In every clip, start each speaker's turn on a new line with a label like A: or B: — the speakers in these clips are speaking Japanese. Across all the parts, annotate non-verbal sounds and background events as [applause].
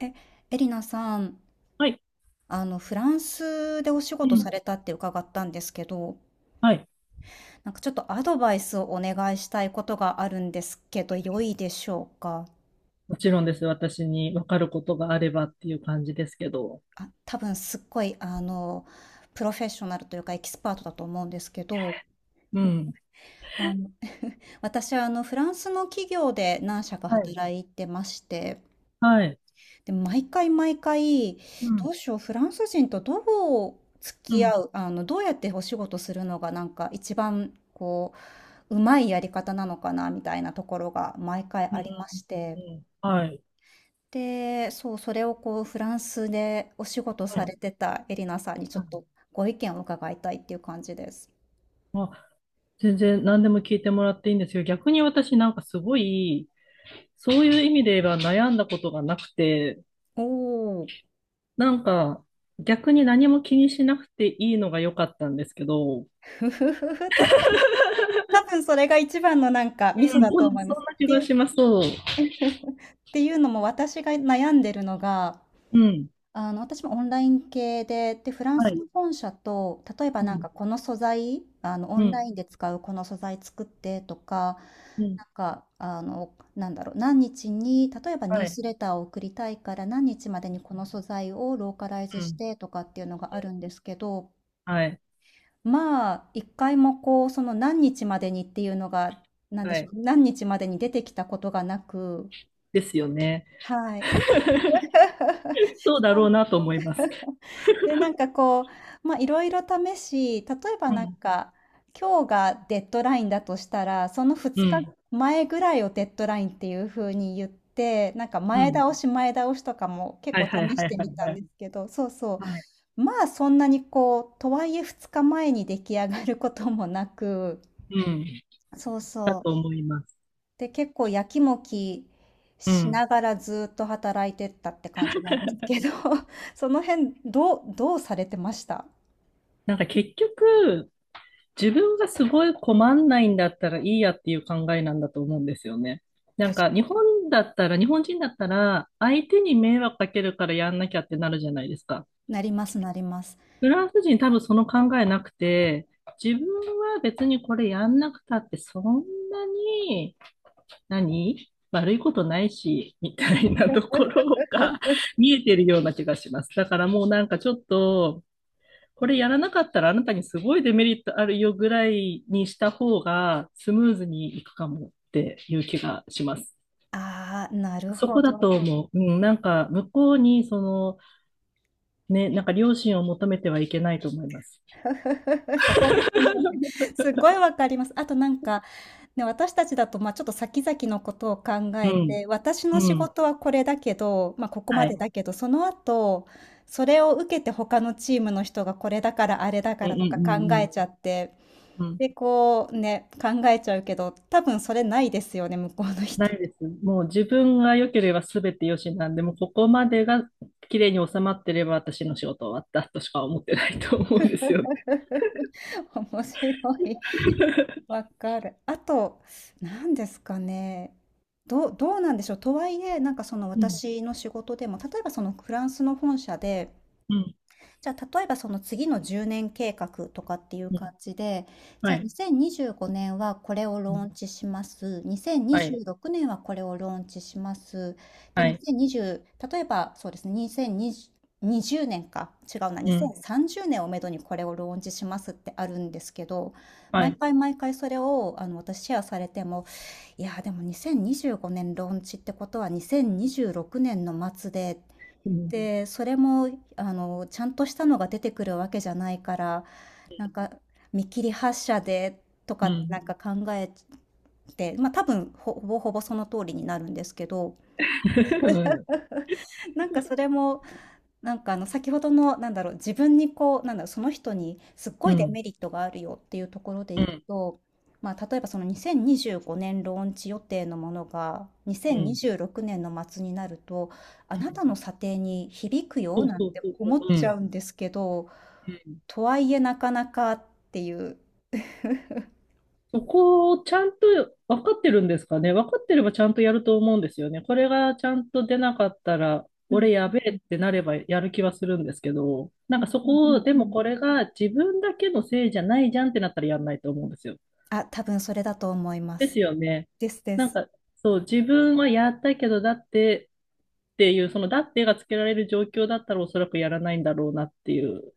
A: え、エリナさん、
B: はい。
A: フランスでお仕
B: う
A: 事
B: ん。
A: されたって伺ったんですけど、
B: はい。
A: なんかちょっとアドバイスをお願いしたいことがあるんですけど、良いでしょうか。
B: もちろんです。私に分かることがあればっていう感じですけど。
A: あ、多分すっごい、プロフェッショナルというかエキスパートだと思うんですけど、
B: うん。
A: あの、私はフランスの企業で何社か
B: はい。
A: 働いてまして、
B: はい。
A: で、毎回毎回、
B: う
A: ど
B: ん。
A: うしよう、フランス人とどう付
B: う
A: き合
B: ん。
A: う、あの、どうやってお仕事するのがなんか一番こう、うまいやり方なのかなみたいなところが毎回
B: う
A: ありま
B: ん。
A: し
B: う
A: て。
B: ん、はい。
A: で、そう、それをこう、フランスでお仕事
B: は
A: さ
B: い。
A: れてたエリナさんにちょ
B: う
A: っ
B: ん、
A: とご意見を伺いたいっていう感じです。
B: あ、全然何でも聞いてもらっていいんですよ。逆に私なんかすごい、そういう意味で言えば悩んだことがなくて、
A: おお、
B: なんか逆に何も気にしなくていいのが良かったんですけど、う
A: [laughs] ふふふふ、確かに、多分それが一番のなんかミソ
B: ん、
A: だ
B: 多
A: と
B: 分
A: 思いま
B: そん
A: す。っ
B: な気
A: て
B: が
A: いう、
B: します。
A: [laughs] っていうのも私が悩んでるのが、
B: うん。
A: 私もオンライン系で、で、フラン
B: は
A: ス
B: い。
A: の本社と、例えば
B: う
A: なん
B: ん。
A: かこの素材、オ
B: う
A: ンラ
B: ん。
A: インで使うこの素材作ってとか、
B: うん。
A: なんか、なんだろう、何日に、例えばニュ
B: は
A: ー
B: い。
A: スレターを送りたいから何日までにこの素材をローカライズ
B: う
A: し
B: ん。
A: てとかっていうのがあるんですけど、
B: はい。
A: まあ、一回もこう、その何日までにっていうのが、なんで
B: は
A: しょう、
B: い。
A: 何日までに出てきたことがなく、
B: ですよね。
A: はい。
B: そうだろうなと思います。
A: で、なんかこう、まあ、いろいろ試し、例えば
B: う
A: なん
B: ん、
A: か、今日がデッドラインだとしたら、その
B: う
A: 2
B: ん、
A: 日前ぐらいをデッドラインっていう風に言って、なんか
B: う
A: 前
B: ん。
A: 倒し前倒しとかも結
B: は
A: 構
B: いはい
A: 試し
B: はい
A: て
B: は
A: み
B: い
A: た
B: は
A: ん
B: い。
A: ですけど、そうそ
B: はい。
A: う。まあそんなにこう、とはいえ2日前に出来上がることもなく、
B: うん。
A: そう
B: だ
A: そ
B: と
A: う。
B: 思います。
A: で、結構やきもき
B: う
A: し
B: ん。
A: ながらずっと働いてったって感じなんですけど、[laughs] その辺どうされてました。
B: なんか結局、自分がすごい困んないんだったらいいやっていう考えなんだと思うんですよね。なんか日本だったら、日本人だったら、相手に迷惑かけるからやんなきゃってなるじゃないですか。
A: なります、なります。
B: フランス人多分その考えなくて、自分は別にこれやんなくたってそんなに何悪いことないし、みたいなところが [laughs]
A: [laughs]
B: 見えてるような気がします。だからもうなんかちょっと、これやらなかったらあなたにすごいデメリットあるよぐらいにした方がスムーズにいくかもっていう気がします。
A: ああ、なる
B: そ
A: ほ
B: こだと
A: ど。
B: 思う。うん、なんか向こうにその、ね、なんか良心を求めてはいけないと思います。
A: [laughs] そこですよね。[laughs] すごいわかります。あとなんか、ね、私たちだと、まあ、ちょっと先々のことを考
B: う
A: え
B: ん、
A: て、私の
B: う
A: 仕
B: ん、
A: 事はこれだけど、まあ、ここ
B: は
A: まで
B: い。
A: だけど、その後、それを受けて他のチームの人がこれだからあれだ
B: う
A: か
B: ん、う
A: ら
B: ん、う
A: とか
B: ん、
A: 考
B: う
A: え
B: ん。
A: ちゃって、
B: うん、
A: で、こうね、考えちゃうけど、多分それないですよね、向こうの
B: な
A: 人。
B: いです。もう自分が良ければ全て良しなんで、もうここまでが綺麗に収まってれば私の仕事終わったとしか思ってないと思うんですよね。
A: [laughs] 面白い。
B: [laughs]
A: わかる。あと、何ですかね。どうなんでしょう。とはいえ、なんかその
B: うん、
A: 私の仕事でも、例えばそのフランスの本社で、
B: うん、
A: じゃあ、例えばその次の10年計画とかっていう
B: う
A: 感
B: ん。
A: じで、じ
B: は
A: ゃあ
B: い。
A: 2025年はこれを
B: う
A: ロー
B: ん、
A: ンチします。
B: は
A: 2026
B: い。
A: 年はこれをローンチします。で、
B: はい。
A: 2020、例えばそうですね、2020、年か、違うな、
B: うん。
A: 2030年をめどにこれをローンチしますってあるんですけど、
B: は
A: 毎
B: い。
A: 回毎回それをあの私シェアされても、いやーでも2025年ローンチってことは2026年の末で、
B: うん。
A: で、それもちゃんとしたのが出てくるわけじゃないから、なんか見切り発車でと
B: うん。う
A: かな
B: ん。
A: んか考えて、まあ多分ほぼほぼその通りになるんですけど、
B: [laughs]
A: [laughs] なんかそれもなんかあの先ほどのなんだろう自分にこうなんだろうその人にすっご
B: う
A: いデ
B: ん。
A: メリットがあるよっていうところで
B: う
A: いく
B: ん。
A: と、まあ、例えばその2025年ローンチ予定のものが
B: うん。
A: 2026年の末になると、あ
B: う
A: な
B: ん、
A: たの査定に響くよ
B: そう
A: なん
B: そう
A: て
B: そうそう。
A: 思っ
B: う
A: ちゃ
B: ん。
A: うんですけど、
B: うん、
A: とはいえなかなかっていう。
B: そこをちゃんと分かってるんですかね。分かってればちゃんとやると思うんですよね。これがちゃんと出なかったら、
A: うん
B: 俺やべ
A: う
B: えっ
A: ん
B: てなればやる気はするんですけど、なん
A: う
B: か
A: ん
B: そ
A: うん
B: こ
A: う
B: を、
A: ん
B: で
A: うんう
B: もこ
A: ん。
B: れが自分だけのせいじゃないじゃんってなったらやんないと思うんですよ。
A: あ、多分それだと思いま
B: です
A: す。
B: よね。
A: ですで
B: なん
A: す。
B: か、そう、自分はやったけど、だってっていう、そのだってがつけられる状況だったらおそらくやらないんだろうなっていう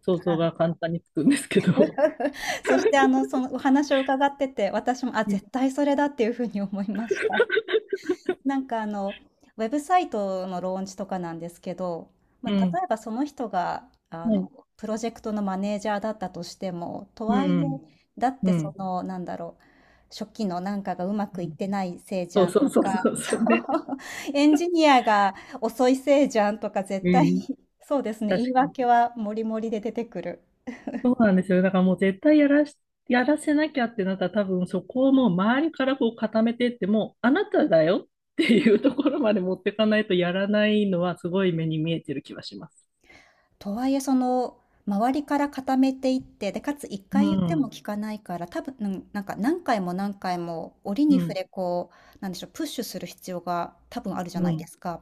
B: 想像が簡単につくんですけど。
A: [laughs] そしてあの、そのお話を伺ってて、私も、あ、
B: うん。
A: 絶対それだっていうふうに思いました。なんかあの、ウェブサイトのローンチとかなんですけど、ま
B: う
A: あ、
B: ん。
A: 例えばその人があ
B: は
A: の、
B: い。
A: プロジェクトのマネージャーだったとしても、と
B: う
A: はいえ、
B: ん。
A: だっ
B: う
A: てそ
B: ん。
A: の、なんだろう、初期のなんかがうま
B: う
A: くいっ
B: ん、
A: てないせいじ
B: そ
A: ゃ
B: う
A: ん
B: そう
A: と
B: そうそ
A: か、
B: う
A: そ
B: そ
A: う、
B: うね。
A: エンジニアが遅いせいじゃんとか
B: う
A: 絶対に、
B: ん。
A: そうですね、言い
B: 確かに。
A: 訳はもりもりで出てくる。
B: そうなんですよ。だからもう絶対やらせなきゃってなったら多分そこをもう周りからこう固めてってもうあなただよっていうところまで持ってかないとやらないのはすごい目に見えてる気はします。
A: とはいえ、その、周りから固めていって、で、かつ1
B: う
A: 回言っても
B: ん。
A: 聞かないから、多分、うん、なんか何回も何回も折
B: う
A: に触
B: ん。
A: れこう、なんでしょう、プッシュする必要が多分あるじゃ
B: う
A: ないで
B: ん。
A: すか。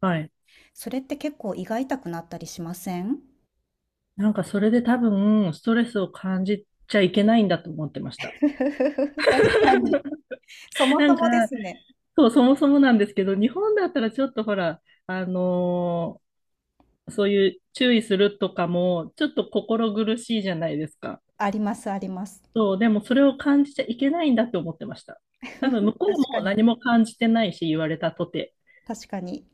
B: はい。
A: それって結構胃が痛くなったりしません？
B: なんかそれで多分ストレスを感じちゃいけないんだと思ってました。
A: [laughs] 確かに。そも
B: な
A: そ
B: んか、
A: もですね。
B: そう、そもそもなんですけど、日本だったらちょっとほら、あのーそういう注意するとかも、ちょっと心苦しいじゃないですか。
A: ありますあります。
B: そう、でもそれを感じちゃいけないんだって思ってました。多分向
A: [laughs]
B: こう
A: 確か
B: も
A: に
B: 何も感じてないし、言われたとて。
A: 確かに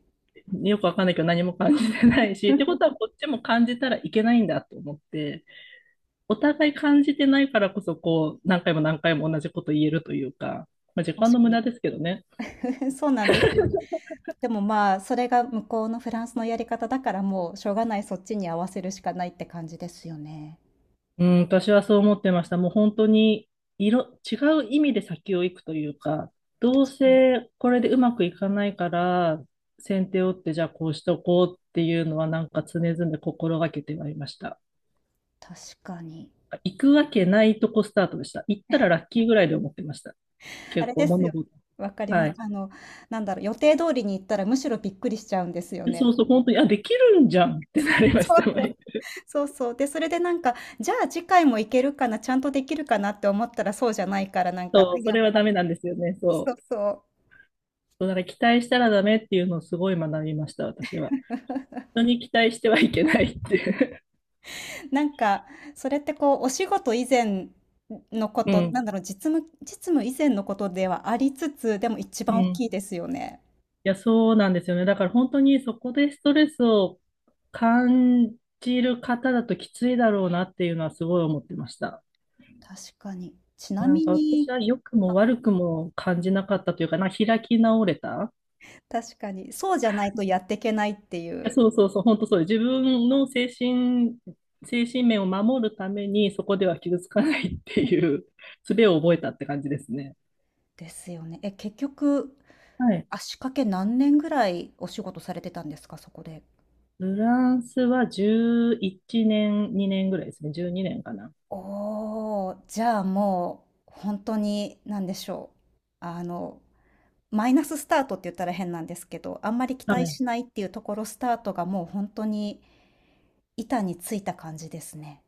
B: よくわかんないけど何も感じてないし、ってことはこっちも感じたらいけないんだと思って、お互い感じてないからこそ、こう、何回も何回も同じこと言えるというか、まあ、時間の
A: 確か
B: 無
A: に。
B: 駄ですけどね。
A: [laughs] そうなんですよ。でも、まあ、それが向こうのフランスのやり方だから、もうしょうがない、そっちに合わせるしかないって感じですよね。
B: うん、私はそう思ってました。もう本当に違う意味で先を行くというか、どう
A: うん、
B: せこれでうまくいかないから、先手を打ってじゃあこうしとこうっていうのはなんか常々心がけてはいました。
A: 確かに。
B: 行くわけないとこスタートでした。行ったらラッキーぐらいで思ってました。
A: あ
B: 結
A: れ
B: 構
A: です
B: 物
A: よ。
B: 事。
A: わかり
B: は
A: ます。
B: い。
A: あの、なんだろう、予定通りに行ったらむしろびっくりしちゃうんですよ
B: で、
A: ね。
B: そうそう、本当に、あ、できるんじゃんってなり
A: [laughs]
B: まし
A: そ
B: た。
A: うそ
B: 毎
A: う。
B: 回
A: そうそう。で、それでなんか、じゃあ次回も行けるかな、ちゃんとできるかなって思ったらそうじゃないから、なんか、あ
B: そう、そ
A: やっ
B: れは
A: ぱ
B: ダ
A: り。
B: メなんですよね。
A: そ
B: そ
A: う
B: う。
A: そう。
B: そうだから期待したらダメっていうのをすごい学びました、私は。人に期待してはいけないって。
A: なんか、それってこう、お仕事以前のこ
B: う
A: と、な
B: ん。
A: んだろう、実務、実務以前のことではありつつ、でも一
B: うん。
A: 番大
B: い
A: きいですよね。
B: や、そうなんですよね。だから本当にそこでストレスを感じる方だときついだろうなっていうのはすごい思ってました。
A: 確かに。ちな
B: なん
A: み
B: か私
A: に、
B: は良くも悪くも感じなかったというかな、開き直れた。
A: 確かに、そうじゃないとやっていけないってい
B: いや、
A: う。
B: そうそうそう、本当そう。自分の精神面を守るためにそこでは傷つかないっていう [laughs] 術を覚えたって感じですね。
A: ですよね。え、結局、
B: はい。
A: 足掛け何年ぐらいお仕事されてたんですか？そこで。
B: フランスは11年、2年ぐらいですね。12年かな。
A: おお、じゃあ、もう、本当に、なんでしょう、あの、マイナススタートって言ったら変なんですけど、あんまり期
B: は
A: 待
B: い、
A: しないっていうところスタートがもう本当に板についた感じですね。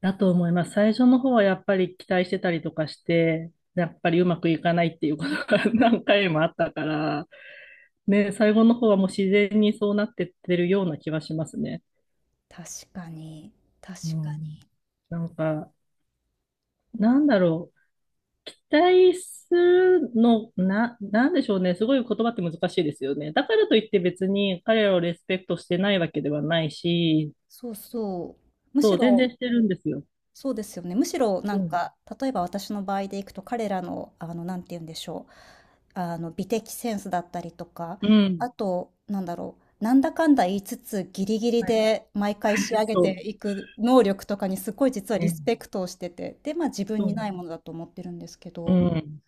B: だと思います。最初の方はやっぱり期待してたりとかして、やっぱりうまくいかないっていうことが [laughs] 何回もあったから、ね、最後の方はもう自然にそうなってってるような気はしますね。
A: 確かに、確
B: う
A: かに。
B: ん、なんか、なんだろう。期待するの、なんでしょうね。すごい言葉って難しいですよね。だからといって別に彼らをレスペクトしてないわけではないし、
A: そうそう。む
B: そ
A: し
B: う、全
A: ろ。
B: 然してるんですよ。
A: そうですよね。むしろな
B: う
A: ん
B: ん。
A: か、例えば私の場合でいくと、彼らの、なんて言うんでしょう。あの、美的センスだったりとか、
B: うん。
A: あと、なんだろう。なんだかんだ言いつつ、ギリギリ
B: はい。
A: で毎回仕上げ
B: そ
A: ていく能力とかにすごい実は
B: う。
A: リ
B: ね。
A: スペクトをしてて、で、まあ自分
B: そう
A: に
B: な
A: な
B: ん
A: い
B: だ。
A: ものだと思ってるんですけ
B: う
A: ど、
B: ん。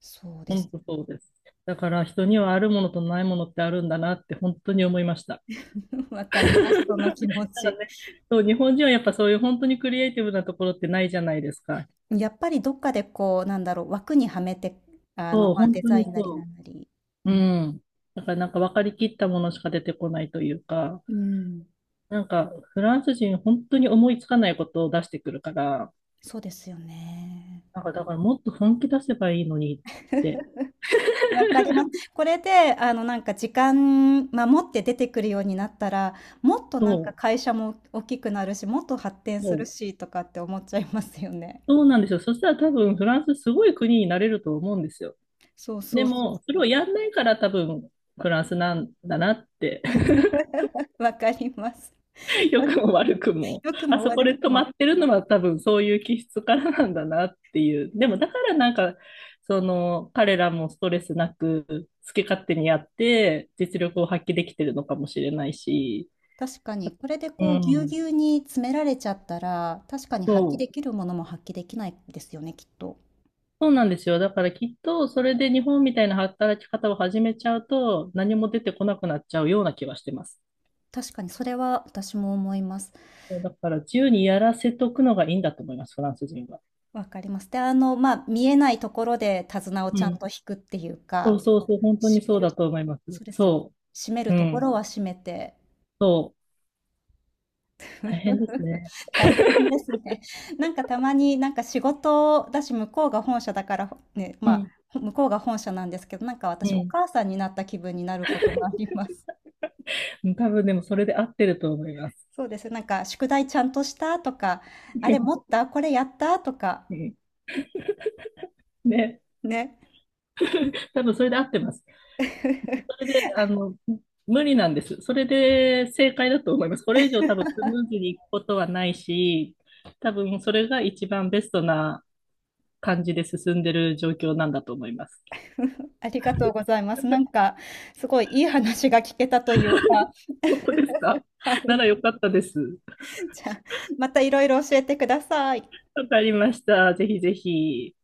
A: そうで
B: 本
A: す。
B: 当そうです。だから人にはあるものとないものってあるんだなって本当に思いました。
A: [laughs] わかります、その気
B: [laughs]
A: 持
B: なん
A: ち。
B: かね、
A: [laughs]
B: そう、日本人はやっぱそういう本当にクリエイティブなところってないじゃないですか。
A: やっぱりどっかでこう、なんだろう、枠にはめて、
B: そう、
A: まあ
B: 本
A: デ
B: 当
A: ザ
B: に
A: インなり
B: そ
A: な
B: う。
A: んなり。う
B: う
A: ん。
B: ん。だからなんか分かりきったものしか出てこないというか、
A: うん。
B: なんかフランス人本当に思いつかないことを出してくるから、
A: そうですよね。
B: なんかだからもっと本気出せばいいのにって。
A: [laughs] わかりま
B: [laughs]
A: す。これで、なんか時間守って出てくるようになったら、もっと
B: そ
A: なんか
B: う、
A: 会社も大きくなるし、もっと発展す
B: そ
A: る
B: う、
A: しとかって思っちゃいますよね。
B: そうなんですよ。そしたら多分フランスすごい国になれると思うんですよ。
A: そう
B: で
A: そうそう
B: も、それ
A: そう。
B: をやんないから多分、フランスなんだなって、
A: [laughs] わかります。
B: [laughs] 良くも悪くも、
A: 良く
B: あ
A: も
B: そこ
A: 悪く
B: で止ま
A: も。
B: ってるのは多分そういう気質からなんだなっていう。でも、だからなんか、その、彼らもストレスなく、好き勝手にやって、実力を発揮できてるのかもしれないし、
A: 確かに、これで
B: う
A: こう、ぎゅう
B: ん、
A: ぎゅうに詰められちゃったら、確かに
B: そ
A: 発揮でき
B: う。
A: るものも発揮できないですよね、きっと。
B: そうなんですよ。だからきっと、それで日本みたいな働き方を始めちゃうと、何も出てこなくなっちゃうような気はしてます。
A: 確かに、それは私も思います。
B: そうだから自由にやらせとくのがいいんだと思います、フランス人は。
A: わかります。で、まあ、見えないところで手綱を
B: う
A: ちゃん
B: ん。
A: と引くっていう
B: そう
A: か、
B: そうそう、本当に
A: 閉め
B: そう
A: る、
B: だと思います。
A: そうですよね。
B: そ
A: 閉める
B: う。う
A: とこ
B: ん。
A: ろは閉めて。
B: そう。大変です
A: [laughs]
B: ね。
A: 大変ですね。なんかたまになんか仕事だし、向こうが本社だから、ね、
B: う
A: ま
B: ん。
A: あ、向こうが本社なんですけど、なんか
B: う
A: 私お
B: ん。
A: 母さんになった気分になることもあります。
B: うん、多分でもそれで合ってると思います。
A: そうです。なんか宿題ちゃんとしたとか、
B: [laughs]
A: あれ持ったこれやったとか、
B: うん、ね。
A: ね。
B: 多分それで合ってます。そ
A: [laughs]
B: れで、無理なんです。それで正解だと思います。これ以上多分スムーズにいくことはないし、多分それが一番ベストな感じで進んでる状況なんだと思います。
A: ありがとうございます。なんかすごいいい話が聞けたというか、
B: 本当ですか
A: は
B: [laughs] な
A: い。
B: らよかったです。
A: じゃあ、またいろいろ教えてください。
B: わかりました。ぜひぜひ。